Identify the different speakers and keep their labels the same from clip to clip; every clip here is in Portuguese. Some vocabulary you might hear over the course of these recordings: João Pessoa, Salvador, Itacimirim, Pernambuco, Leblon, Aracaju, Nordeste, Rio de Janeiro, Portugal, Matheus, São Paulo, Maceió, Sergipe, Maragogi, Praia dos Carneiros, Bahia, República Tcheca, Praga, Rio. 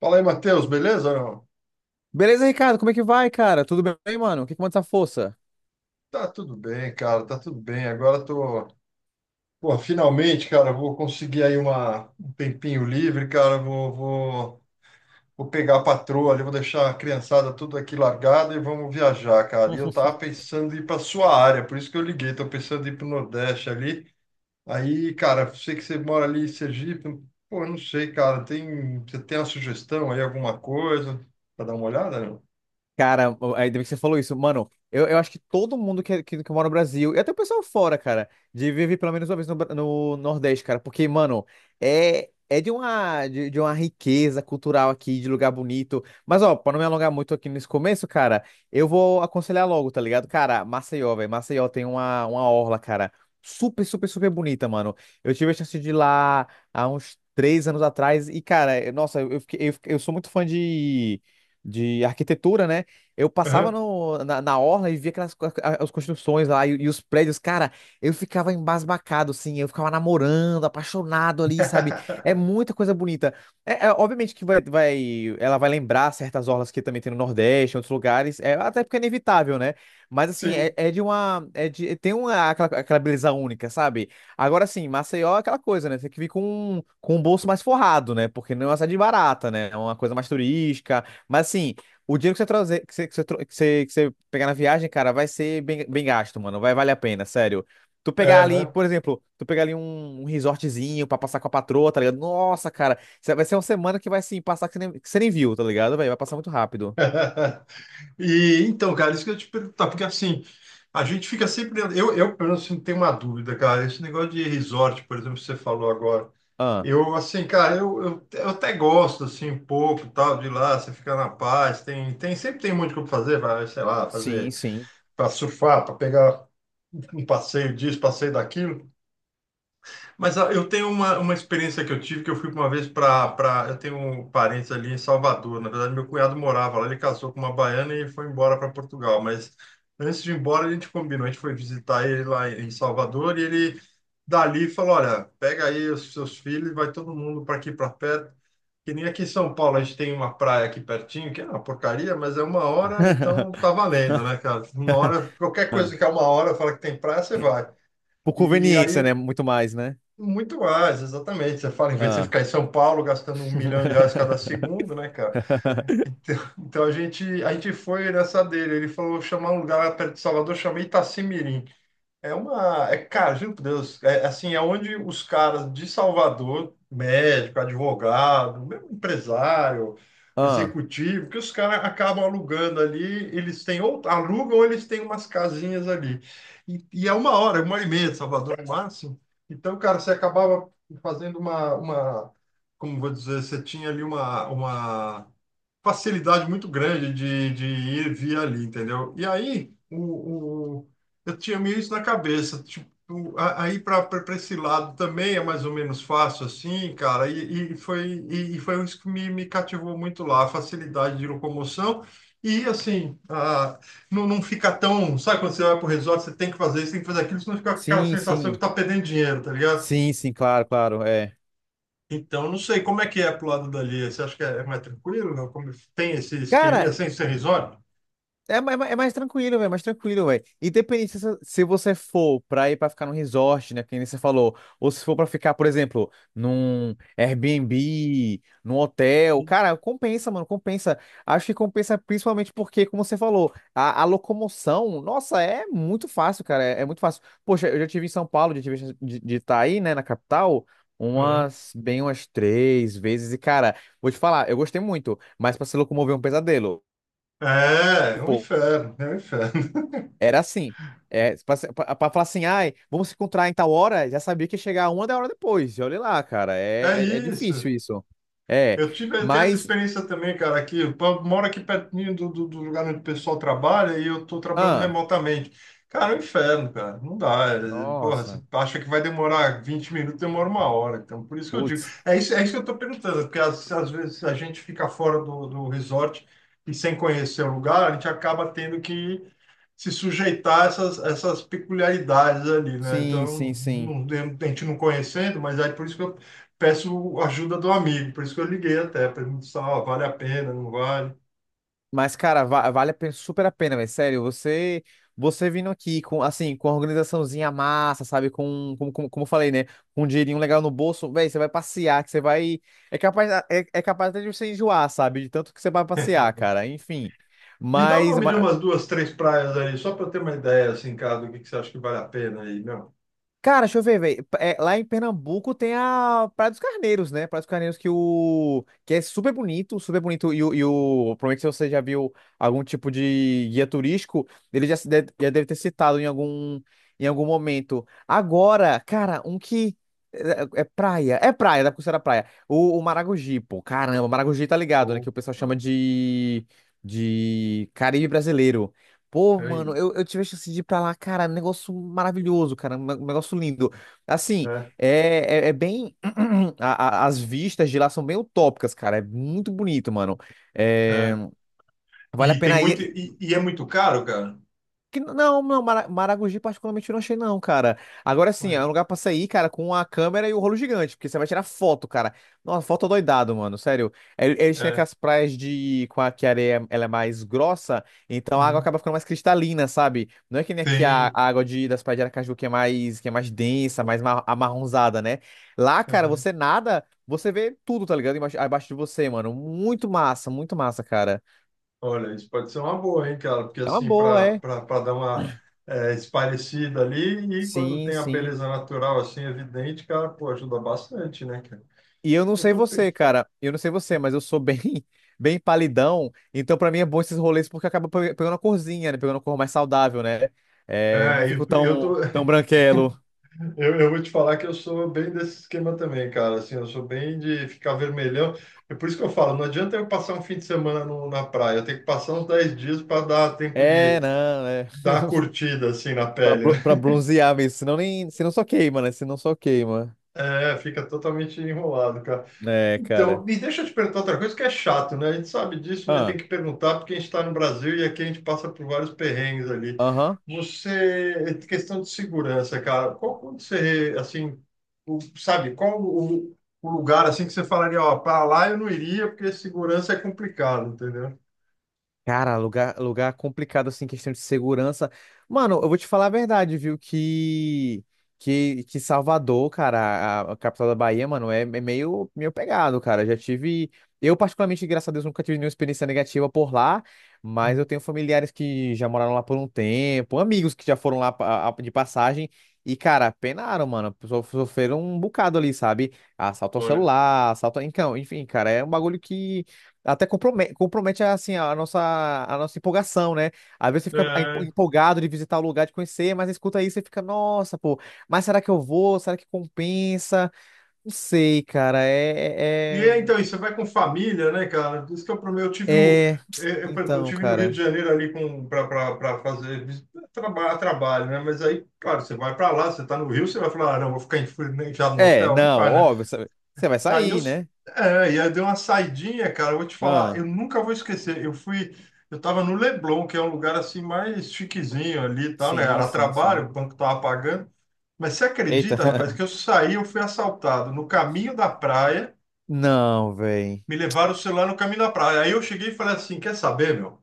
Speaker 1: Fala aí, Matheus, beleza? Ou não?
Speaker 2: Beleza, Ricardo? Como é que vai, cara? Tudo bem, mano? O que que manda essa força?
Speaker 1: Tá tudo bem, cara, tá tudo bem. Agora tô, pô, finalmente, cara, vou conseguir aí um tempinho livre, cara, vou pegar a patroa ali, vou deixar a criançada tudo aqui largada e vamos viajar, cara. E eu tava pensando em ir pra sua área, por isso que eu liguei, tô pensando em ir pro Nordeste ali. Aí, cara, sei que você mora ali em Sergipe, pô, eu não sei, cara, você tem uma sugestão aí, alguma coisa, pra dar uma olhada, não?
Speaker 2: Cara, ainda bem que você falou isso. Mano, eu acho que todo mundo que mora no Brasil, e até o pessoal fora, cara, de viver pelo menos uma vez no Nordeste, cara. Porque, mano, de uma riqueza cultural aqui, de lugar bonito. Mas, ó, pra não me alongar muito aqui nesse começo, cara, eu vou aconselhar logo, tá ligado? Cara, Maceió, velho. Maceió tem uma orla, cara, super bonita, mano. Eu tive a chance de ir lá há uns três anos atrás, e, cara, eu- nossa, eu, fiquei- eu, fiquei- eu sou muito fã de. De arquitetura, né? Eu passava
Speaker 1: Aham.
Speaker 2: no, na, na orla e via as construções lá e os prédios, cara, eu ficava embasbacado, assim, eu ficava namorando, apaixonado ali, sabe? É muita coisa bonita. Obviamente que vai, ela vai lembrar certas orlas que também tem no Nordeste, em outros lugares, é, até porque é inevitável, né? Mas assim, é,
Speaker 1: Sim,
Speaker 2: é de uma, é de, tem uma, aquela beleza única, sabe? Agora sim, Maceió é aquela coisa, né? Tem que vir com o bolso mais forrado, né? Porque não é uma cidade barata, né? É uma coisa mais turística, mas assim. O dinheiro que você trazer, que você, tro- que você pegar na viagem, cara, vai ser bem gasto, mano. Vai valer a pena, sério. Tu pegar
Speaker 1: é,
Speaker 2: ali,
Speaker 1: né?
Speaker 2: por exemplo, tu pegar ali um resortzinho pra passar com a patroa, tá ligado? Nossa, cara, vai ser uma semana que vai, assim, passar que você nem viu, tá ligado, velho? Vai passar muito rápido.
Speaker 1: E então, cara, isso que eu ia te perguntar, porque assim, a gente fica sempre. Eu pelo menos, assim, tenho uma dúvida, cara. Esse negócio de resort, por exemplo, que você falou agora.
Speaker 2: Ah,
Speaker 1: Eu, assim, cara, eu até gosto, assim, um pouco, e tal, de ir lá, você fica na paz, sempre tem muito o que fazer, vai, sei lá,
Speaker 2: sim,
Speaker 1: fazer,
Speaker 2: sim.
Speaker 1: para surfar, para pegar um passeio disso, passeio daquilo. Mas ah, eu tenho uma experiência que eu tive, que eu fui uma vez Eu tenho parentes ali em Salvador. Na verdade, meu cunhado morava lá, ele casou com uma baiana e foi embora para Portugal. Mas antes de ir embora, a gente combinou, a gente foi visitar ele lá em Salvador e ele dali falou, olha, pega aí os seus filhos e vai todo mundo para aqui para perto. Que nem aqui em São Paulo, a gente tem uma praia aqui pertinho, que é uma porcaria, mas é uma hora, então tá valendo, né, cara? Uma hora, qualquer
Speaker 2: Ah.
Speaker 1: coisa que é uma hora, fala que tem praia, você vai.
Speaker 2: Por
Speaker 1: E
Speaker 2: conveniência,
Speaker 1: aí
Speaker 2: né? Muito mais, né?
Speaker 1: muito mais, exatamente. Você fala, em vez de você
Speaker 2: Ah.
Speaker 1: ficar em São Paulo gastando um milhão de reais cada segundo, né, cara? Então, a gente foi nessa dele. Ele falou chamar um lugar perto de Salvador, chamei Itacimirim. É uma. É, cara, juro por Deus. É, assim, é onde os caras de Salvador, médico, advogado, mesmo empresário,
Speaker 2: Ah,
Speaker 1: executivo, que os caras acabam alugando ali, eles têm, ou alugam, ou eles têm umas casinhas ali. E é uma hora e meia de Salvador no máximo. Então, cara, você acabava fazendo como vou dizer, você tinha ali uma facilidade muito grande de ir e vir ali, entendeu? E aí, eu tinha meio isso na cabeça, tipo, aí para esse lado também é mais ou menos fácil assim, cara, e foi isso que me cativou muito lá, a facilidade de locomoção. E assim, ah, não, não fica tão. Sabe quando você vai pro resort, você tem que fazer isso, tem que fazer aquilo, senão fica aquela
Speaker 2: sim,
Speaker 1: sensação que
Speaker 2: sim.
Speaker 1: tá perdendo dinheiro, tá ligado?
Speaker 2: Sim, sim, claro, claro, é.
Speaker 1: Então, não sei como é que é pro lado dali. Você acha que é mais tranquilo? Não? Como tem esse esqueminha
Speaker 2: Cara,
Speaker 1: sem ser resort?
Speaker 2: É mais tranquilo, velho, é mais tranquilo, velho. Independente se, se você for pra ir pra ficar num resort, né, que nem você falou, ou se for pra ficar, por exemplo, num Airbnb, num hotel, cara, compensa, mano, compensa. Acho que compensa principalmente porque, como você falou, a locomoção, nossa, é muito fácil, cara, é muito fácil. Poxa, eu já tive em São Paulo, já tive chance de estar aí, né, na capital,
Speaker 1: Uhum.
Speaker 2: bem umas três vezes, e, cara, vou te falar, eu gostei muito, mas pra se locomover é um pesadelo.
Speaker 1: É, é um
Speaker 2: Tipo,
Speaker 1: inferno, é um inferno.
Speaker 2: era assim. É, pra falar assim, ai, vamos se encontrar em tal hora, já sabia que ia chegar uma da hora depois. E olha lá, cara,
Speaker 1: É
Speaker 2: é
Speaker 1: isso.
Speaker 2: difícil isso. É,
Speaker 1: Eu tenho essa
Speaker 2: mas,
Speaker 1: experiência também, cara, aqui. Moro aqui pertinho do lugar onde o pessoal trabalha e eu estou trabalhando
Speaker 2: ah,
Speaker 1: remotamente. Cara, é um inferno, cara. Não dá. Porra, você
Speaker 2: nossa,
Speaker 1: acha que vai demorar 20 minutos, demora uma hora. Então, por isso que eu digo.
Speaker 2: putz,
Speaker 1: É isso que eu estou perguntando, porque às vezes a gente fica fora do resort e sem conhecer o lugar, a gente acaba tendo que se sujeitar a essas peculiaridades ali, né?
Speaker 2: sim,
Speaker 1: Então,
Speaker 2: sim, sim.
Speaker 1: não, a gente não conhecendo, mas aí por isso que eu peço ajuda do amigo, por isso que eu liguei até, pergunto se ó, vale a pena, não vale.
Speaker 2: Mas, cara, super a pena, velho. Sério, você, você vindo aqui com, assim, com a organizaçãozinha massa, sabe? Como eu falei, né? Com um dinheirinho legal no bolso, velho, você vai passear, que você vai. É capaz até de você enjoar, sabe? De tanto que você vai passear, cara. Enfim.
Speaker 1: Me dá o
Speaker 2: Mas,
Speaker 1: nome de umas duas, três praias aí, só para eu ter uma ideia, assim, cara, do que você acha que vale a pena aí, não?
Speaker 2: cara, deixa eu ver, velho. É, lá em Pernambuco tem a Praia dos Carneiros, né? Praia dos Carneiros que o que é super bonito, super bonito. E o... provavelmente se você já viu algum tipo de guia turístico, ele já, se de- já deve ter citado em algum momento. Agora, cara, um que é praia, da Costeira Praia. O Maragogi, pô, caramba, Maragogi tá ligado, né?
Speaker 1: Ou,
Speaker 2: Que o pessoal
Speaker 1: ah,
Speaker 2: chama de Caribe brasileiro. Pô,
Speaker 1: é
Speaker 2: mano,
Speaker 1: isso.
Speaker 2: eu tive a chance de ir pra lá, cara, um negócio maravilhoso, cara, um negócio lindo. Assim,
Speaker 1: É,
Speaker 2: é bem. As vistas de lá são bem utópicas, cara, é muito bonito, mano.
Speaker 1: é.
Speaker 2: É, vale a
Speaker 1: E tem
Speaker 2: pena
Speaker 1: muito,
Speaker 2: ir,
Speaker 1: e é muito caro, cara?
Speaker 2: que, não, não, Maragogi particularmente eu não achei não, cara. Agora sim,
Speaker 1: Ué,
Speaker 2: é um lugar pra sair, cara, com a câmera e o rolo gigante, porque você vai tirar foto, cara. Nossa, foto doidado, mano, sério. Eles têm
Speaker 1: é,
Speaker 2: aquelas praias de... com a que a areia ela é mais grossa, então a água
Speaker 1: uhum.
Speaker 2: acaba ficando mais cristalina, sabe? Não é que nem aqui
Speaker 1: Tem,
Speaker 2: a água de... das praias de Aracaju que que é mais densa, amarronzada, né? Lá, cara,
Speaker 1: uhum.
Speaker 2: você nada, você vê tudo, tá ligado? Abaixo de você, mano. Muito massa, cara.
Speaker 1: Olha, isso pode ser uma boa, hein, cara, porque
Speaker 2: É uma
Speaker 1: assim,
Speaker 2: boa,
Speaker 1: para
Speaker 2: é.
Speaker 1: para dar uma é, esparecida ali, e quando
Speaker 2: Sim,
Speaker 1: tem a
Speaker 2: sim.
Speaker 1: beleza natural, assim, evidente, cara, pô, ajuda bastante, né, cara?
Speaker 2: E eu não
Speaker 1: Eu
Speaker 2: sei
Speaker 1: tô,
Speaker 2: você, cara. Eu não sei você, mas eu sou bem, bem palidão. Então, pra mim, é bom esses rolês porque acaba pegando a corzinha, né? Pegando a cor mais saudável, né? É, eu não fico
Speaker 1: Eu tô,
Speaker 2: tão branquelo.
Speaker 1: eu vou te falar que eu sou bem desse esquema também, cara. Assim, eu sou bem de ficar vermelhão. É por isso que eu falo, não adianta eu passar um fim de semana na praia. Eu tenho que passar uns 10 dias para dar tempo
Speaker 2: É,
Speaker 1: de
Speaker 2: não, é.
Speaker 1: dar a curtida assim na
Speaker 2: Pra,
Speaker 1: pele, né?
Speaker 2: pra bronzear mesmo. Senão nem. Senão só queima, né? Senão só queima.
Speaker 1: É, fica totalmente enrolado, cara.
Speaker 2: É, cara.
Speaker 1: Então, e deixa eu te perguntar outra coisa que é chato, né? A gente sabe disso, mas tem
Speaker 2: Ah,
Speaker 1: que perguntar porque a gente está no Brasil e aqui a gente passa por vários perrengues ali.
Speaker 2: aham.
Speaker 1: Você, questão de segurança, cara, qual quando você, assim, sabe, qual o lugar, assim, que você falaria, ó, para lá eu não iria porque segurança é complicado, entendeu?
Speaker 2: Cara, lugar complicado, assim, questão de segurança. Mano, eu vou te falar a verdade, viu? Que Salvador, cara, a capital da Bahia, mano, meio pegado, cara. Já tive. Eu, particularmente, graças a Deus, nunca tive nenhuma experiência negativa por lá, mas
Speaker 1: Uhum.
Speaker 2: eu tenho familiares que já moraram lá por um tempo, amigos que já foram lá de passagem. E, cara, penaram, mano. Sofreram um bocado ali, sabe? Assalto ao
Speaker 1: Olha,
Speaker 2: celular, assalto. Então, enfim, cara, é um bagulho que. Até compromete, compromete assim, a nossa empolgação, né? Às vezes você fica
Speaker 1: é,
Speaker 2: empolgado de visitar o lugar, de conhecer, mas escuta aí, você fica, nossa, pô, mas será que eu vou? Será que compensa? Não sei, cara.
Speaker 1: Então, e você vai com família, né, cara? Por isso que eu, pro- eu tive no,
Speaker 2: É... é-
Speaker 1: eh, eu,
Speaker 2: Então,
Speaker 1: tive no Rio de
Speaker 2: cara.
Speaker 1: Janeiro ali com para fazer trabalho, né? Mas aí, claro, você vai para lá, você tá no Rio, você vai falar, ah, não, vou ficar enfurnizado no
Speaker 2: É,
Speaker 1: hotel, não
Speaker 2: não,
Speaker 1: vai, né?
Speaker 2: óbvio, você você vai
Speaker 1: Aí eu,
Speaker 2: sair,
Speaker 1: s-
Speaker 2: né?
Speaker 1: é, E aí deu uma saidinha, cara, eu vou te falar,
Speaker 2: Ah,
Speaker 1: eu nunca vou esquecer. Eu tava no Leblon, que é um lugar assim mais chiquezinho ali e tal, né?
Speaker 2: sim,
Speaker 1: Era
Speaker 2: sim, sim.
Speaker 1: trabalho, o banco tava pagando. Mas você
Speaker 2: Eita.
Speaker 1: acredita, rapaz, que eu saí, eu fui assaltado no caminho da praia,
Speaker 2: Não, véi.
Speaker 1: me levaram o celular no caminho da praia. Aí eu cheguei e falei assim, quer saber, meu?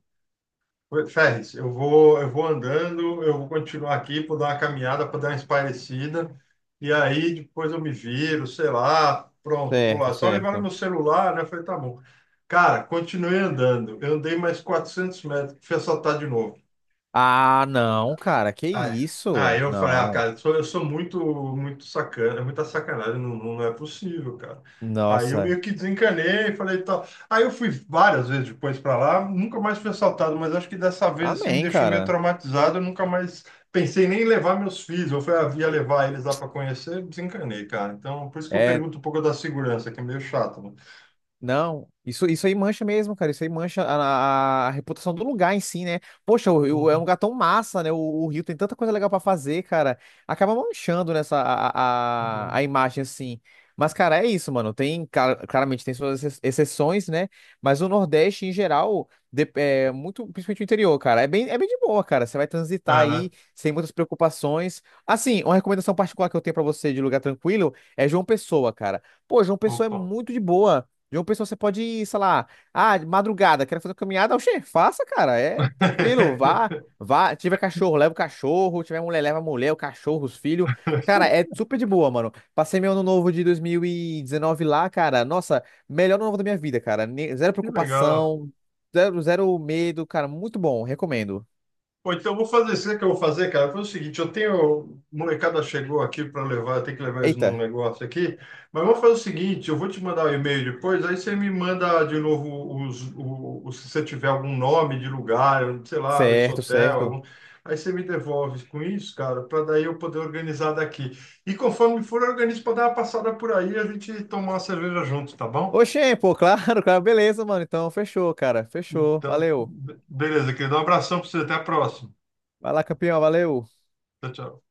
Speaker 1: Ferris, eu vou andando, eu vou continuar aqui, vou dar uma caminhada para dar uma espairecida, e aí depois eu me viro, sei lá, pronto, vou
Speaker 2: Certo,
Speaker 1: lá. Só levaram meu
Speaker 2: certo.
Speaker 1: celular, né? Eu falei, tá bom. Cara, continuei andando. Eu andei mais 400 metros, fui assaltado de novo.
Speaker 2: Ah, não, cara, que
Speaker 1: Ai, ah,
Speaker 2: isso?
Speaker 1: eu falei, ah,
Speaker 2: Não.
Speaker 1: cara, eu sou muito, muito sacana, é muita sacanagem, não, não não é possível, cara. Aí eu
Speaker 2: Nossa.
Speaker 1: meio que desencanei, falei, tal. Aí eu fui várias vezes depois pra lá, nunca mais fui assaltado, mas acho que dessa vez, assim, me
Speaker 2: Amém,
Speaker 1: deixou meio
Speaker 2: cara.
Speaker 1: traumatizado, eu nunca mais pensei nem em levar meus filhos, eu fui, ah, ia levar eles lá pra conhecer, desencanei, cara. Então, por isso que eu
Speaker 2: É,
Speaker 1: pergunto um pouco da segurança, que é meio chato, né?
Speaker 2: não, isso aí mancha mesmo, cara. Isso aí mancha a reputação do lugar em si, né? Poxa, é um
Speaker 1: Uhum,
Speaker 2: lugar tão massa, né? O Rio tem tanta coisa legal pra fazer, cara. Acaba manchando nessa
Speaker 1: tá bom.
Speaker 2: a imagem, assim. Mas, cara, é isso, mano. Tem, cara, claramente, tem suas exceções, né? Mas o Nordeste, em geral, é muito, principalmente o interior, cara, é bem de boa, cara. Você vai transitar
Speaker 1: É, né?
Speaker 2: aí sem muitas preocupações. Assim, uma recomendação particular que eu tenho pra você de lugar tranquilo é João Pessoa, cara. Pô, João Pessoa é
Speaker 1: Opa.
Speaker 2: muito de boa. Jogo pessoal, você pode ir, sei lá, ah, de madrugada, quero fazer uma caminhada, oxê, faça, cara, é tranquilo, vá, tiver cachorro, leva o cachorro, tiver mulher, leva a mulher, o cachorro, os filhos, cara, é super de boa, mano. Passei meu ano novo de 2019 lá, cara, nossa, melhor ano novo da minha vida, cara, zero
Speaker 1: Que legal.
Speaker 2: preocupação, zero medo, cara, muito bom, recomendo.
Speaker 1: Pô, então eu vou fazer, sabe o que eu vou fazer, cara? Foi o seguinte, eu tenho, molecada chegou aqui para levar, eu tenho que levar eles num
Speaker 2: Eita,
Speaker 1: negócio aqui, mas eu vou fazer o seguinte, eu vou te mandar o e-mail depois, aí você me manda de novo se você tiver algum nome de lugar, sei lá, esse
Speaker 2: certo,
Speaker 1: hotel,
Speaker 2: certo.
Speaker 1: aí você me devolve com isso, cara, para daí eu poder organizar daqui. E conforme for, eu organizo para dar uma passada por aí e a gente tomar uma cerveja junto, tá bom?
Speaker 2: Oxê, pô, claro, claro, beleza, mano, então, fechou, cara, fechou,
Speaker 1: Então,
Speaker 2: valeu.
Speaker 1: beleza, querido, um abração para você, até a próxima.
Speaker 2: Vai lá, campeão, valeu.
Speaker 1: Tchau, tchau.